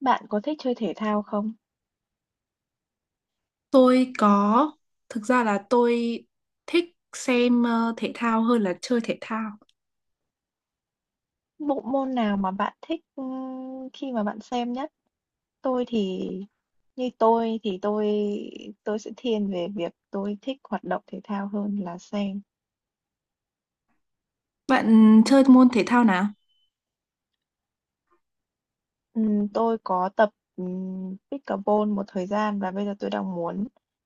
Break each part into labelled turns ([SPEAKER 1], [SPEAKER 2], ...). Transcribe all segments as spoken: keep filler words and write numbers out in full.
[SPEAKER 1] Bạn có thích chơi thể thao không?
[SPEAKER 2] Tôi có, thực ra là tôi thích xem ờ, thể thao hơn là chơi thể thao.
[SPEAKER 1] Bộ môn nào mà bạn thích, ưm, khi mà bạn xem nhất? Tôi thì Như tôi thì tôi tôi sẽ thiên về việc tôi thích hoạt động thể thao hơn là xem.
[SPEAKER 2] Bạn chơi môn thể thao nào?
[SPEAKER 1] Ừm, tôi có tập, ừm, pickleball một thời gian và bây giờ tôi đang muốn,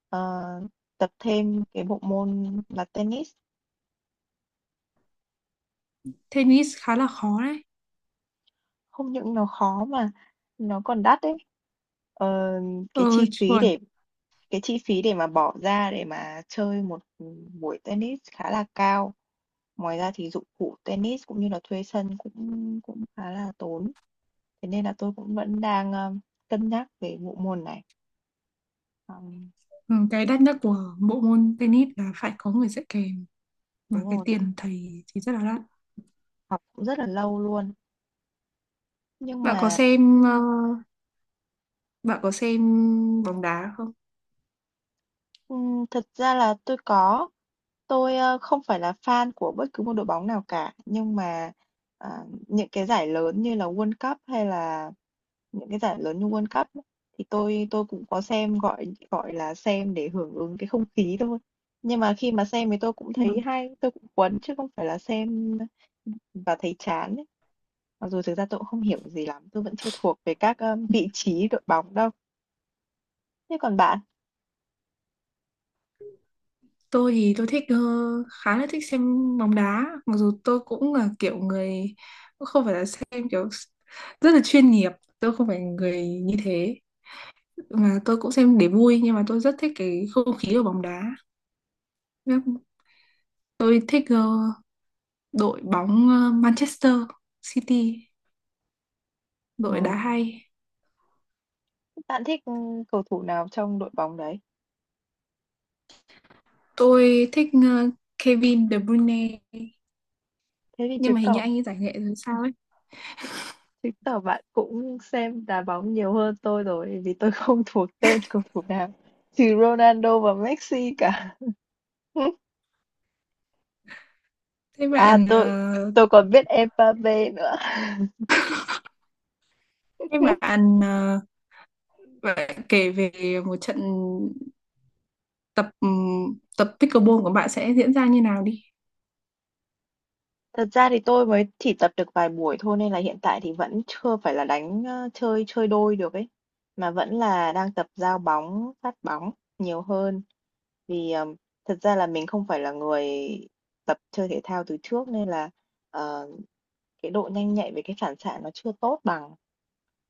[SPEAKER 1] ờ, tập thêm cái bộ môn là tennis.
[SPEAKER 2] Tennis khá là khó đấy.
[SPEAKER 1] Không những nó khó mà nó còn đắt đấy. Ờ,
[SPEAKER 2] Ờ,
[SPEAKER 1] cái chi phí
[SPEAKER 2] chuẩn.
[SPEAKER 1] để Cái chi phí để mà bỏ ra để mà chơi một buổi tennis khá là cao. Ngoài ra thì dụng cụ tennis cũng như là thuê sân cũng cũng khá là tốn. Thế nên là tôi cũng vẫn đang, ờ, cân nhắc về bộ môn này. Ờm,
[SPEAKER 2] Ừ, cái đắt nhất của bộ môn tennis là phải có người dạy kèm và
[SPEAKER 1] Đúng
[SPEAKER 2] cái
[SPEAKER 1] rồi, mà
[SPEAKER 2] tiền thầy thì rất là đắt.
[SPEAKER 1] học cũng rất là lâu luôn. Nhưng
[SPEAKER 2] Bạn có
[SPEAKER 1] mà
[SPEAKER 2] xem ờ, bạn có xem bóng đá không?
[SPEAKER 1] Ừm, thật ra là tôi có. Tôi, ơ, không phải là fan của bất cứ một đội bóng nào cả, nhưng mà, à, những cái giải lớn như là World Cup hay là những cái giải lớn như World Cup á, thì tôi tôi cũng có xem, gọi gọi là, xem để hưởng ứng cái không khí thôi. Nhưng mà khi mà xem thì tôi cũng
[SPEAKER 2] Ừ.
[SPEAKER 1] thấy hay, tôi cũng cuốn chứ không phải là xem và thấy chán ấy. Mặc dù thực ra tôi cũng không hiểu gì lắm, tôi vẫn chưa thuộc về các, ơ, vị trí đội bóng đâu. Thế còn bạn?
[SPEAKER 2] Tôi thì tôi thích ờ, khá là thích xem bóng đá, mặc dù tôi cũng là kiểu người không phải là xem kiểu rất là chuyên nghiệp, tôi không phải người như thế, mà tôi cũng xem để vui, nhưng mà tôi rất thích cái không khí của bóng đá. Tôi thích ờ, đội bóng ờ, Manchester City, đội đá
[SPEAKER 1] Ừm.
[SPEAKER 2] hay.
[SPEAKER 1] Bạn thích, ưm, cầu thủ nào trong đội bóng đấy?
[SPEAKER 2] Tôi thích ờ, Kevin De Bruyne,
[SPEAKER 1] Thế thì
[SPEAKER 2] nhưng
[SPEAKER 1] chứng
[SPEAKER 2] mà hình như
[SPEAKER 1] tỏ
[SPEAKER 2] anh ấy giải nghệ rồi sao ấy.
[SPEAKER 1] chứng tỏ bạn cũng xem đá bóng nhiều hơn tôi rồi, vì tôi không thuộc tên cầu thủ nào, trừ Ronaldo và Messi cả.
[SPEAKER 2] thế
[SPEAKER 1] À,
[SPEAKER 2] bạn
[SPEAKER 1] tôi
[SPEAKER 2] ờ,
[SPEAKER 1] tôi còn biết Mbappe nữa.
[SPEAKER 2] thế bạn ờ, bạn kể về một trận tập tập pickleball của bạn sẽ diễn ra như nào đi.
[SPEAKER 1] Thật ra thì tôi mới chỉ tập được vài buổi thôi nên là hiện tại thì vẫn chưa phải là đánh, ơ, chơi chơi đôi được ấy, mà vẫn là đang tập giao bóng, phát bóng nhiều hơn. Vì, ờm, thật ra là mình không phải là người tập chơi thể thao từ trước nên là, ờ, cái độ nhanh nhạy về cái phản xạ nó chưa tốt bằng,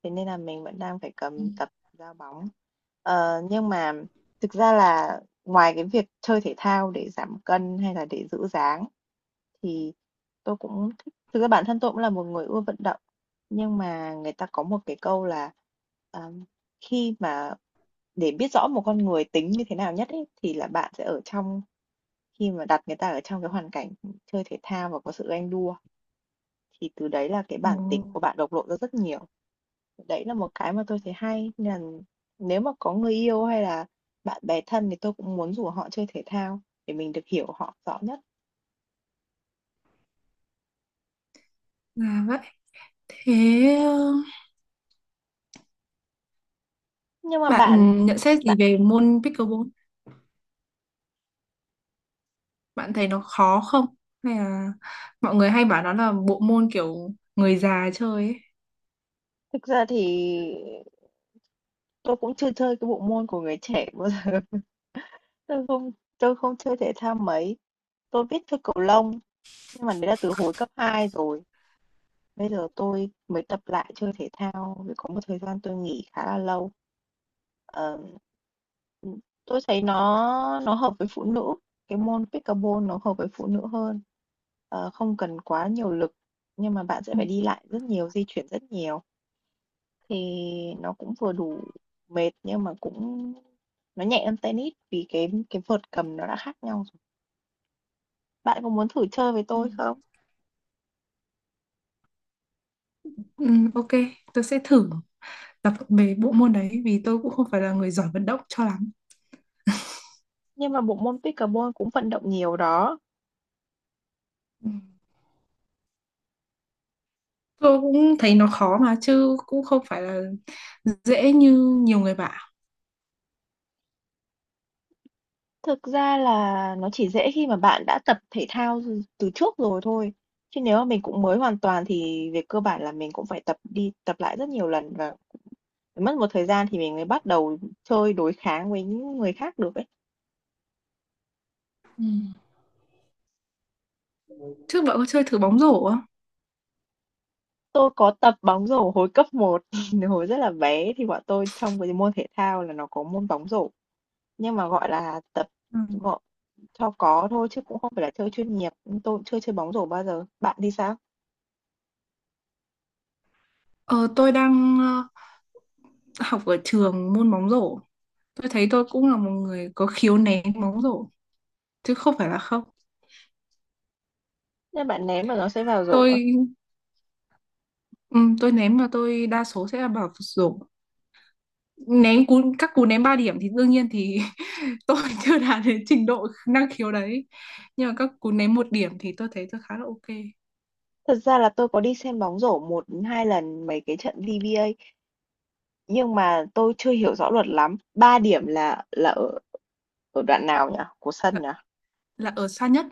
[SPEAKER 1] thế nên là mình vẫn đang phải
[SPEAKER 2] Ừ.
[SPEAKER 1] cầm tập ra bóng. Ờ, nhưng mà thực ra là ngoài cái việc chơi thể thao để giảm cân hay là để giữ dáng thì tôi cũng thích thực ra bản thân tôi cũng là một người ưa vận động, nhưng mà người ta có một cái câu là, ờm, khi mà để biết rõ một con người tính như thế nào nhất ấy, thì là bạn sẽ ở trong khi mà đặt người ta ở trong cái hoàn cảnh chơi thể thao và có sự ganh đua thì từ đấy là cái
[SPEAKER 2] Ồ,
[SPEAKER 1] bản tính của bạn bộc lộ ra rất nhiều. Đấy là một cái mà tôi thấy hay, nên là nếu mà có người yêu hay là bạn bè thân thì tôi cũng muốn rủ họ chơi thể thao để mình được hiểu họ rõ nhất.
[SPEAKER 2] là vậy. Thế ờ,
[SPEAKER 1] Nhưng mà
[SPEAKER 2] Bạn
[SPEAKER 1] bạn
[SPEAKER 2] nhận xét gì
[SPEAKER 1] bạn
[SPEAKER 2] về môn pickleball? Bạn thấy nó khó không? Hay là mọi người hay bảo nó là bộ môn kiểu người già chơi ấy.
[SPEAKER 1] Thực ra thì tôi cũng chưa chơi cái bộ môn của người trẻ bao giờ. Tôi không tôi không chơi thể thao mấy. Tôi biết chơi cầu lông nhưng mà đấy là từ hồi cấp hai rồi. Bây giờ tôi mới tập lại chơi thể thao vì có một thời gian tôi nghỉ khá là lâu. Ờ, ừ, tôi thấy nó nó hợp với phụ nữ. Cái môn pickleball nó hợp với phụ nữ hơn. Ờ, không cần quá nhiều lực nhưng mà bạn sẽ
[SPEAKER 2] Ừ.
[SPEAKER 1] phải đi lại rất nhiều, di chuyển rất nhiều thì nó cũng vừa đủ mệt nhưng mà cũng nó nhẹ hơn tennis vì cái cái vợt cầm nó đã khác nhau rồi. Bạn có muốn thử chơi với
[SPEAKER 2] Ừ.
[SPEAKER 1] tôi không?
[SPEAKER 2] Ừ, ok, tôi sẽ thử tập về bộ môn đấy, vì tôi cũng không phải là người giỏi vận động cho lắm.
[SPEAKER 1] Nhưng mà bộ môn pickleball cũng vận động nhiều đó.
[SPEAKER 2] Ừ. Tôi cũng thấy nó khó mà, chứ cũng không phải là dễ như nhiều người bảo.
[SPEAKER 1] Thực ra là nó chỉ dễ khi mà bạn đã tập thể thao từ từ trước rồi thôi, chứ nếu mà mình cũng mới hoàn toàn thì về cơ bản là mình cũng phải tập đi tập lại rất nhiều lần và mất một thời gian thì mình mới bắt đầu chơi đối kháng với những người khác được ấy.
[SPEAKER 2] Ừ. Trước bạn có chơi thử bóng rổ không?
[SPEAKER 1] Tôi có tập bóng rổ hồi cấp một hồi rất là bé thì bọn tôi trong cái môn thể thao là nó có môn bóng rổ, nhưng mà, gọi là, tập
[SPEAKER 2] Ừ.
[SPEAKER 1] gọn cho có thôi chứ cũng không phải là chơi chuyên nghiệp, tôi cũng chưa chơi bóng rổ bao giờ. Bạn thì sao?
[SPEAKER 2] Ờ, tôi đang ờ, học ở trường môn bóng rổ. Tôi thấy tôi cũng là một người có khiếu ném bóng rổ, chứ không phải là không.
[SPEAKER 1] Nên bạn ném mà nó sẽ vào rổ à?
[SPEAKER 2] Tôi ừm, tôi ném mà tôi đa số sẽ là vào rổ. Ném cú các cú ném ba điểm thì đương nhiên thì tôi chưa đạt đến trình độ năng khiếu đấy. Nhưng mà các cú ném một điểm thì tôi thấy tôi khá là ok.
[SPEAKER 1] Thật ra là tôi có đi xem bóng rổ một, hai lần mấy cái trận vê bê a nhưng mà tôi chưa hiểu rõ luật lắm. Ba điểm là là ở ở đoạn nào nhỉ? Của sân
[SPEAKER 2] Là,
[SPEAKER 1] nhỉ?
[SPEAKER 2] là ở xa nhất,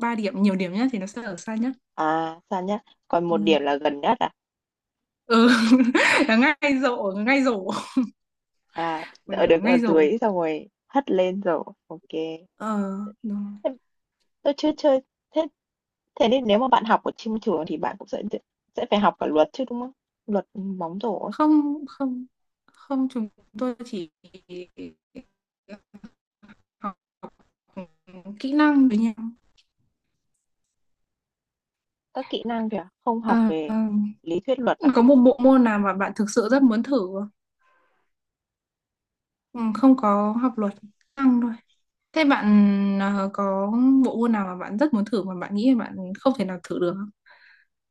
[SPEAKER 2] ba điểm nhiều điểm nhất thì nó sẽ ở xa nhất.
[SPEAKER 1] À sao nhá. Còn
[SPEAKER 2] Ừ,
[SPEAKER 1] một điểm là gần nhất à?
[SPEAKER 2] ừ, là ngay rổ, ngay rổ,
[SPEAKER 1] À
[SPEAKER 2] một
[SPEAKER 1] ở
[SPEAKER 2] điểm là
[SPEAKER 1] được ở
[SPEAKER 2] ngay rổ.
[SPEAKER 1] dưới xong rồi hất lên rồi. Ok.
[SPEAKER 2] Ờ, đúng.
[SPEAKER 1] Thế Tôi chưa chơi. Thế thế nên nếu mà bạn học ở trên trường thì bạn cũng sẽ sẽ phải học cả luật chứ đúng không? Luật bóng rổ ấy.
[SPEAKER 2] Không không không chúng tôi chỉ học kỹ năng với nhau.
[SPEAKER 1] Các kỹ năng kìa, không
[SPEAKER 2] Ờ,
[SPEAKER 1] học về lý thuyết luật à?
[SPEAKER 2] có một bộ môn nào mà bạn thực sự rất muốn thử không? Ừ, không có học luật, năng thôi. Thế bạn ờ, có bộ môn nào mà bạn rất muốn thử mà bạn nghĩ là bạn không thể nào thử được không,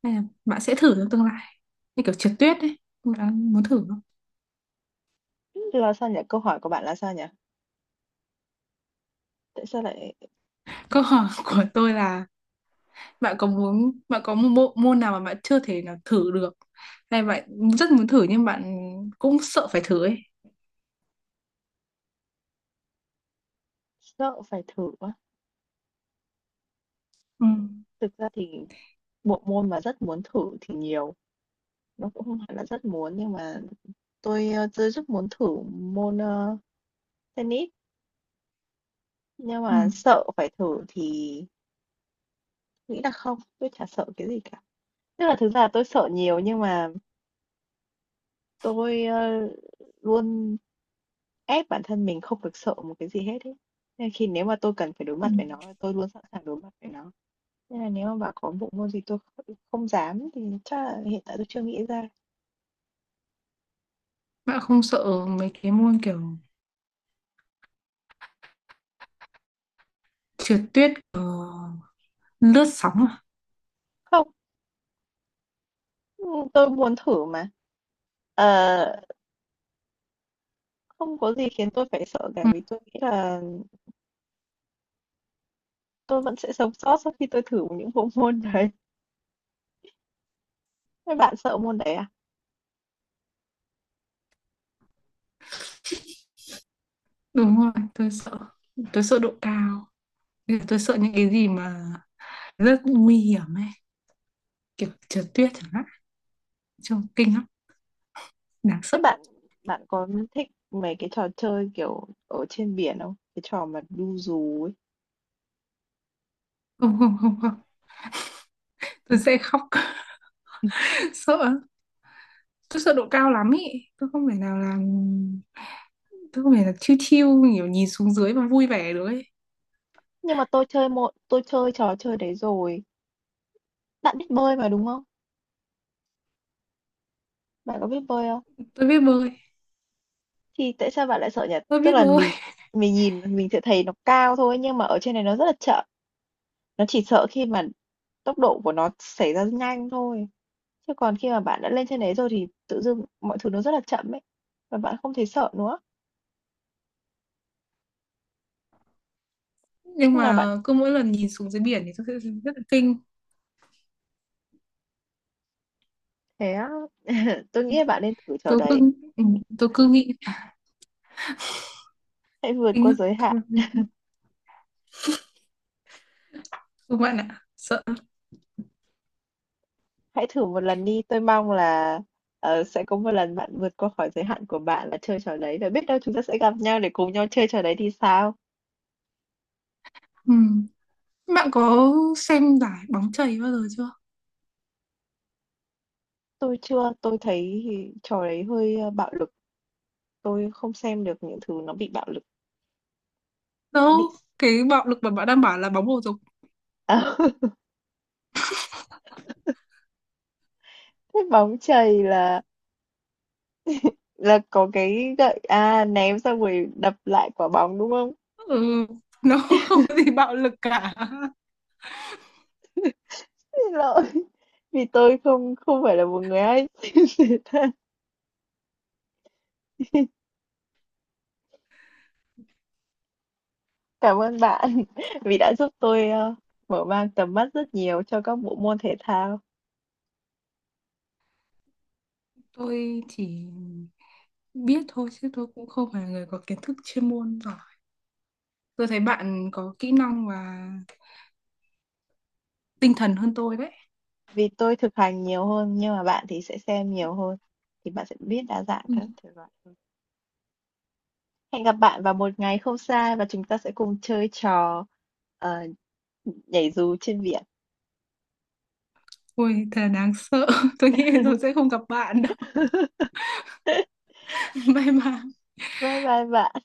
[SPEAKER 2] hay là bạn sẽ thử trong tương lai, như kiểu trượt tuyết ấy, bạn muốn thử không?
[SPEAKER 1] Là sao nhỉ? Câu hỏi của bạn là sao nhỉ? Tại sao lại
[SPEAKER 2] Câu hỏi của tôi là bạn có muốn, bạn có một bộ môn nào mà bạn chưa thể nào thử được, hay bạn rất muốn thử nhưng bạn cũng sợ phải thử ấy.
[SPEAKER 1] Sợ phải thử á.
[SPEAKER 2] Ừ.
[SPEAKER 1] Thực ra thì bộ môn mà rất muốn thử thì nhiều, nó cũng không hẳn là rất muốn, nhưng mà tôi, ơ, tôi rất muốn thử môn, ơ, tennis, nhưng
[SPEAKER 2] Ừ.
[SPEAKER 1] mà sợ phải thử thì nghĩ là không, tôi chả sợ cái gì cả. Tức là thực ra là tôi sợ nhiều nhưng mà tôi, ơ, luôn ép bản thân mình không được sợ một cái gì hết ấy. Nên khi nếu mà tôi cần phải đối
[SPEAKER 2] Ừ.
[SPEAKER 1] mặt với nó, tôi luôn sẵn sàng đối mặt với nó. Nên là nếu mà bảo có bộ môn gì tôi không không dám thì chắc là hiện tại tôi chưa nghĩ ra.
[SPEAKER 2] Bạn không sợ mấy cái môn kiểu trượt tuyết, lướt sóng à?
[SPEAKER 1] Không, Ừ, Tôi muốn thử mà Ờ, không có gì khiến tôi phải sợ cả
[SPEAKER 2] Ừ.
[SPEAKER 1] vì tôi nghĩ là tôi vẫn sẽ sống sót sau khi tôi thử những bộ môn đấy. Thế bạn sợ môn đấy à?
[SPEAKER 2] Đúng rồi, tôi sợ, tôi sợ độ cao, tôi sợ những cái gì mà rất nguy hiểm ấy, kiểu trượt tuyết chẳng hạn, trông kinh lắm, đáng
[SPEAKER 1] Thế
[SPEAKER 2] sợ.
[SPEAKER 1] bạn bạn có thích mấy cái trò chơi kiểu ở trên biển không? Cái trò mà đu dù ấy.
[SPEAKER 2] Không không không không tôi sẽ khóc.
[SPEAKER 1] Ừ.
[SPEAKER 2] Sợ, tôi sợ độ cao lắm ý, tôi không thể nào làm, tôi không phải là chill chill kiểu nhìn xuống dưới và vui vẻ được ấy.
[SPEAKER 1] Nhưng mà tôi chơi một tôi chơi trò chơi đấy rồi. Bạn biết bơi mà đúng không? Bạn có biết bơi không?
[SPEAKER 2] Tôi biết bơi,
[SPEAKER 1] Thì tại sao bạn lại sợ nhỉ?
[SPEAKER 2] tôi
[SPEAKER 1] Tức
[SPEAKER 2] biết
[SPEAKER 1] là
[SPEAKER 2] bơi.
[SPEAKER 1] mình mình nhìn mình sẽ thấy nó cao thôi nhưng mà ở trên này nó rất là chậm. Nó chỉ sợ khi mà tốc độ của nó xảy ra nhanh thôi, chứ còn khi mà bạn đã lên trên đấy rồi thì tự dưng mọi thứ nó rất là chậm ấy, và bạn không thấy sợ nữa.
[SPEAKER 2] Nhưng
[SPEAKER 1] Chung là bạn
[SPEAKER 2] mà cứ mỗi lần nhìn xuống dưới biển thì tôi sẽ rất là kinh.
[SPEAKER 1] thế Tôi nghĩ là bạn nên thử trò
[SPEAKER 2] Tôi
[SPEAKER 1] đấy,
[SPEAKER 2] cứ ừ, tôi cứ nghĩ "À,
[SPEAKER 1] hãy vượt
[SPEAKER 2] kinh
[SPEAKER 1] qua
[SPEAKER 2] á.
[SPEAKER 1] giới hạn,
[SPEAKER 2] Thôi, không bạn ạ, sợ."
[SPEAKER 1] hãy thử một lần đi, tôi mong là, ờ, sẽ có một lần bạn vượt qua khỏi giới hạn của bạn là chơi trò đấy, và biết đâu chúng ta sẽ gặp nhau để cùng nhau chơi trò đấy thì sao?
[SPEAKER 2] Ừ. Bạn có xem giải bóng chày bao giờ chưa?
[SPEAKER 1] Tôi chưa, tôi thấy trò đấy hơi, ơ, bạo lực, tôi không xem được những thứ nó bị bạo lực,
[SPEAKER 2] Đâu,
[SPEAKER 1] bị
[SPEAKER 2] cái bạo lực mà bạn đang bảo là bóng bầu dục.
[SPEAKER 1] ờ. Thế bóng chày là là có cái gậy à ném xong rồi đập lại quả bóng đúng không?
[SPEAKER 2] Ừ, nó không có gì bạo lực cả.
[SPEAKER 1] Xin lỗi. Vì tôi không không phải là một người hay xem thể thao. Cảm ơn bạn vì đã giúp tôi ờ, mở mang tầm mắt rất nhiều cho các bộ môn thể thao.
[SPEAKER 2] Tôi chỉ biết thôi, chứ tôi cũng không phải là người có kiến thức chuyên môn giỏi. Tôi thấy bạn có kỹ năng và tinh thần hơn tôi đấy.
[SPEAKER 1] Vì tôi thực hành nhiều hơn nhưng mà bạn thì sẽ xem nhiều hơn thì bạn sẽ biết đa dạng các
[SPEAKER 2] Ui,
[SPEAKER 1] thể loại hơn. Hẹn gặp bạn vào một ngày không xa và chúng ta sẽ cùng chơi trò ờ, nhảy dù trên biển.
[SPEAKER 2] thật đáng sợ, tôi nghĩ tôi sẽ không gặp bạn đâu, may mà
[SPEAKER 1] Vâng, vâng, vâng.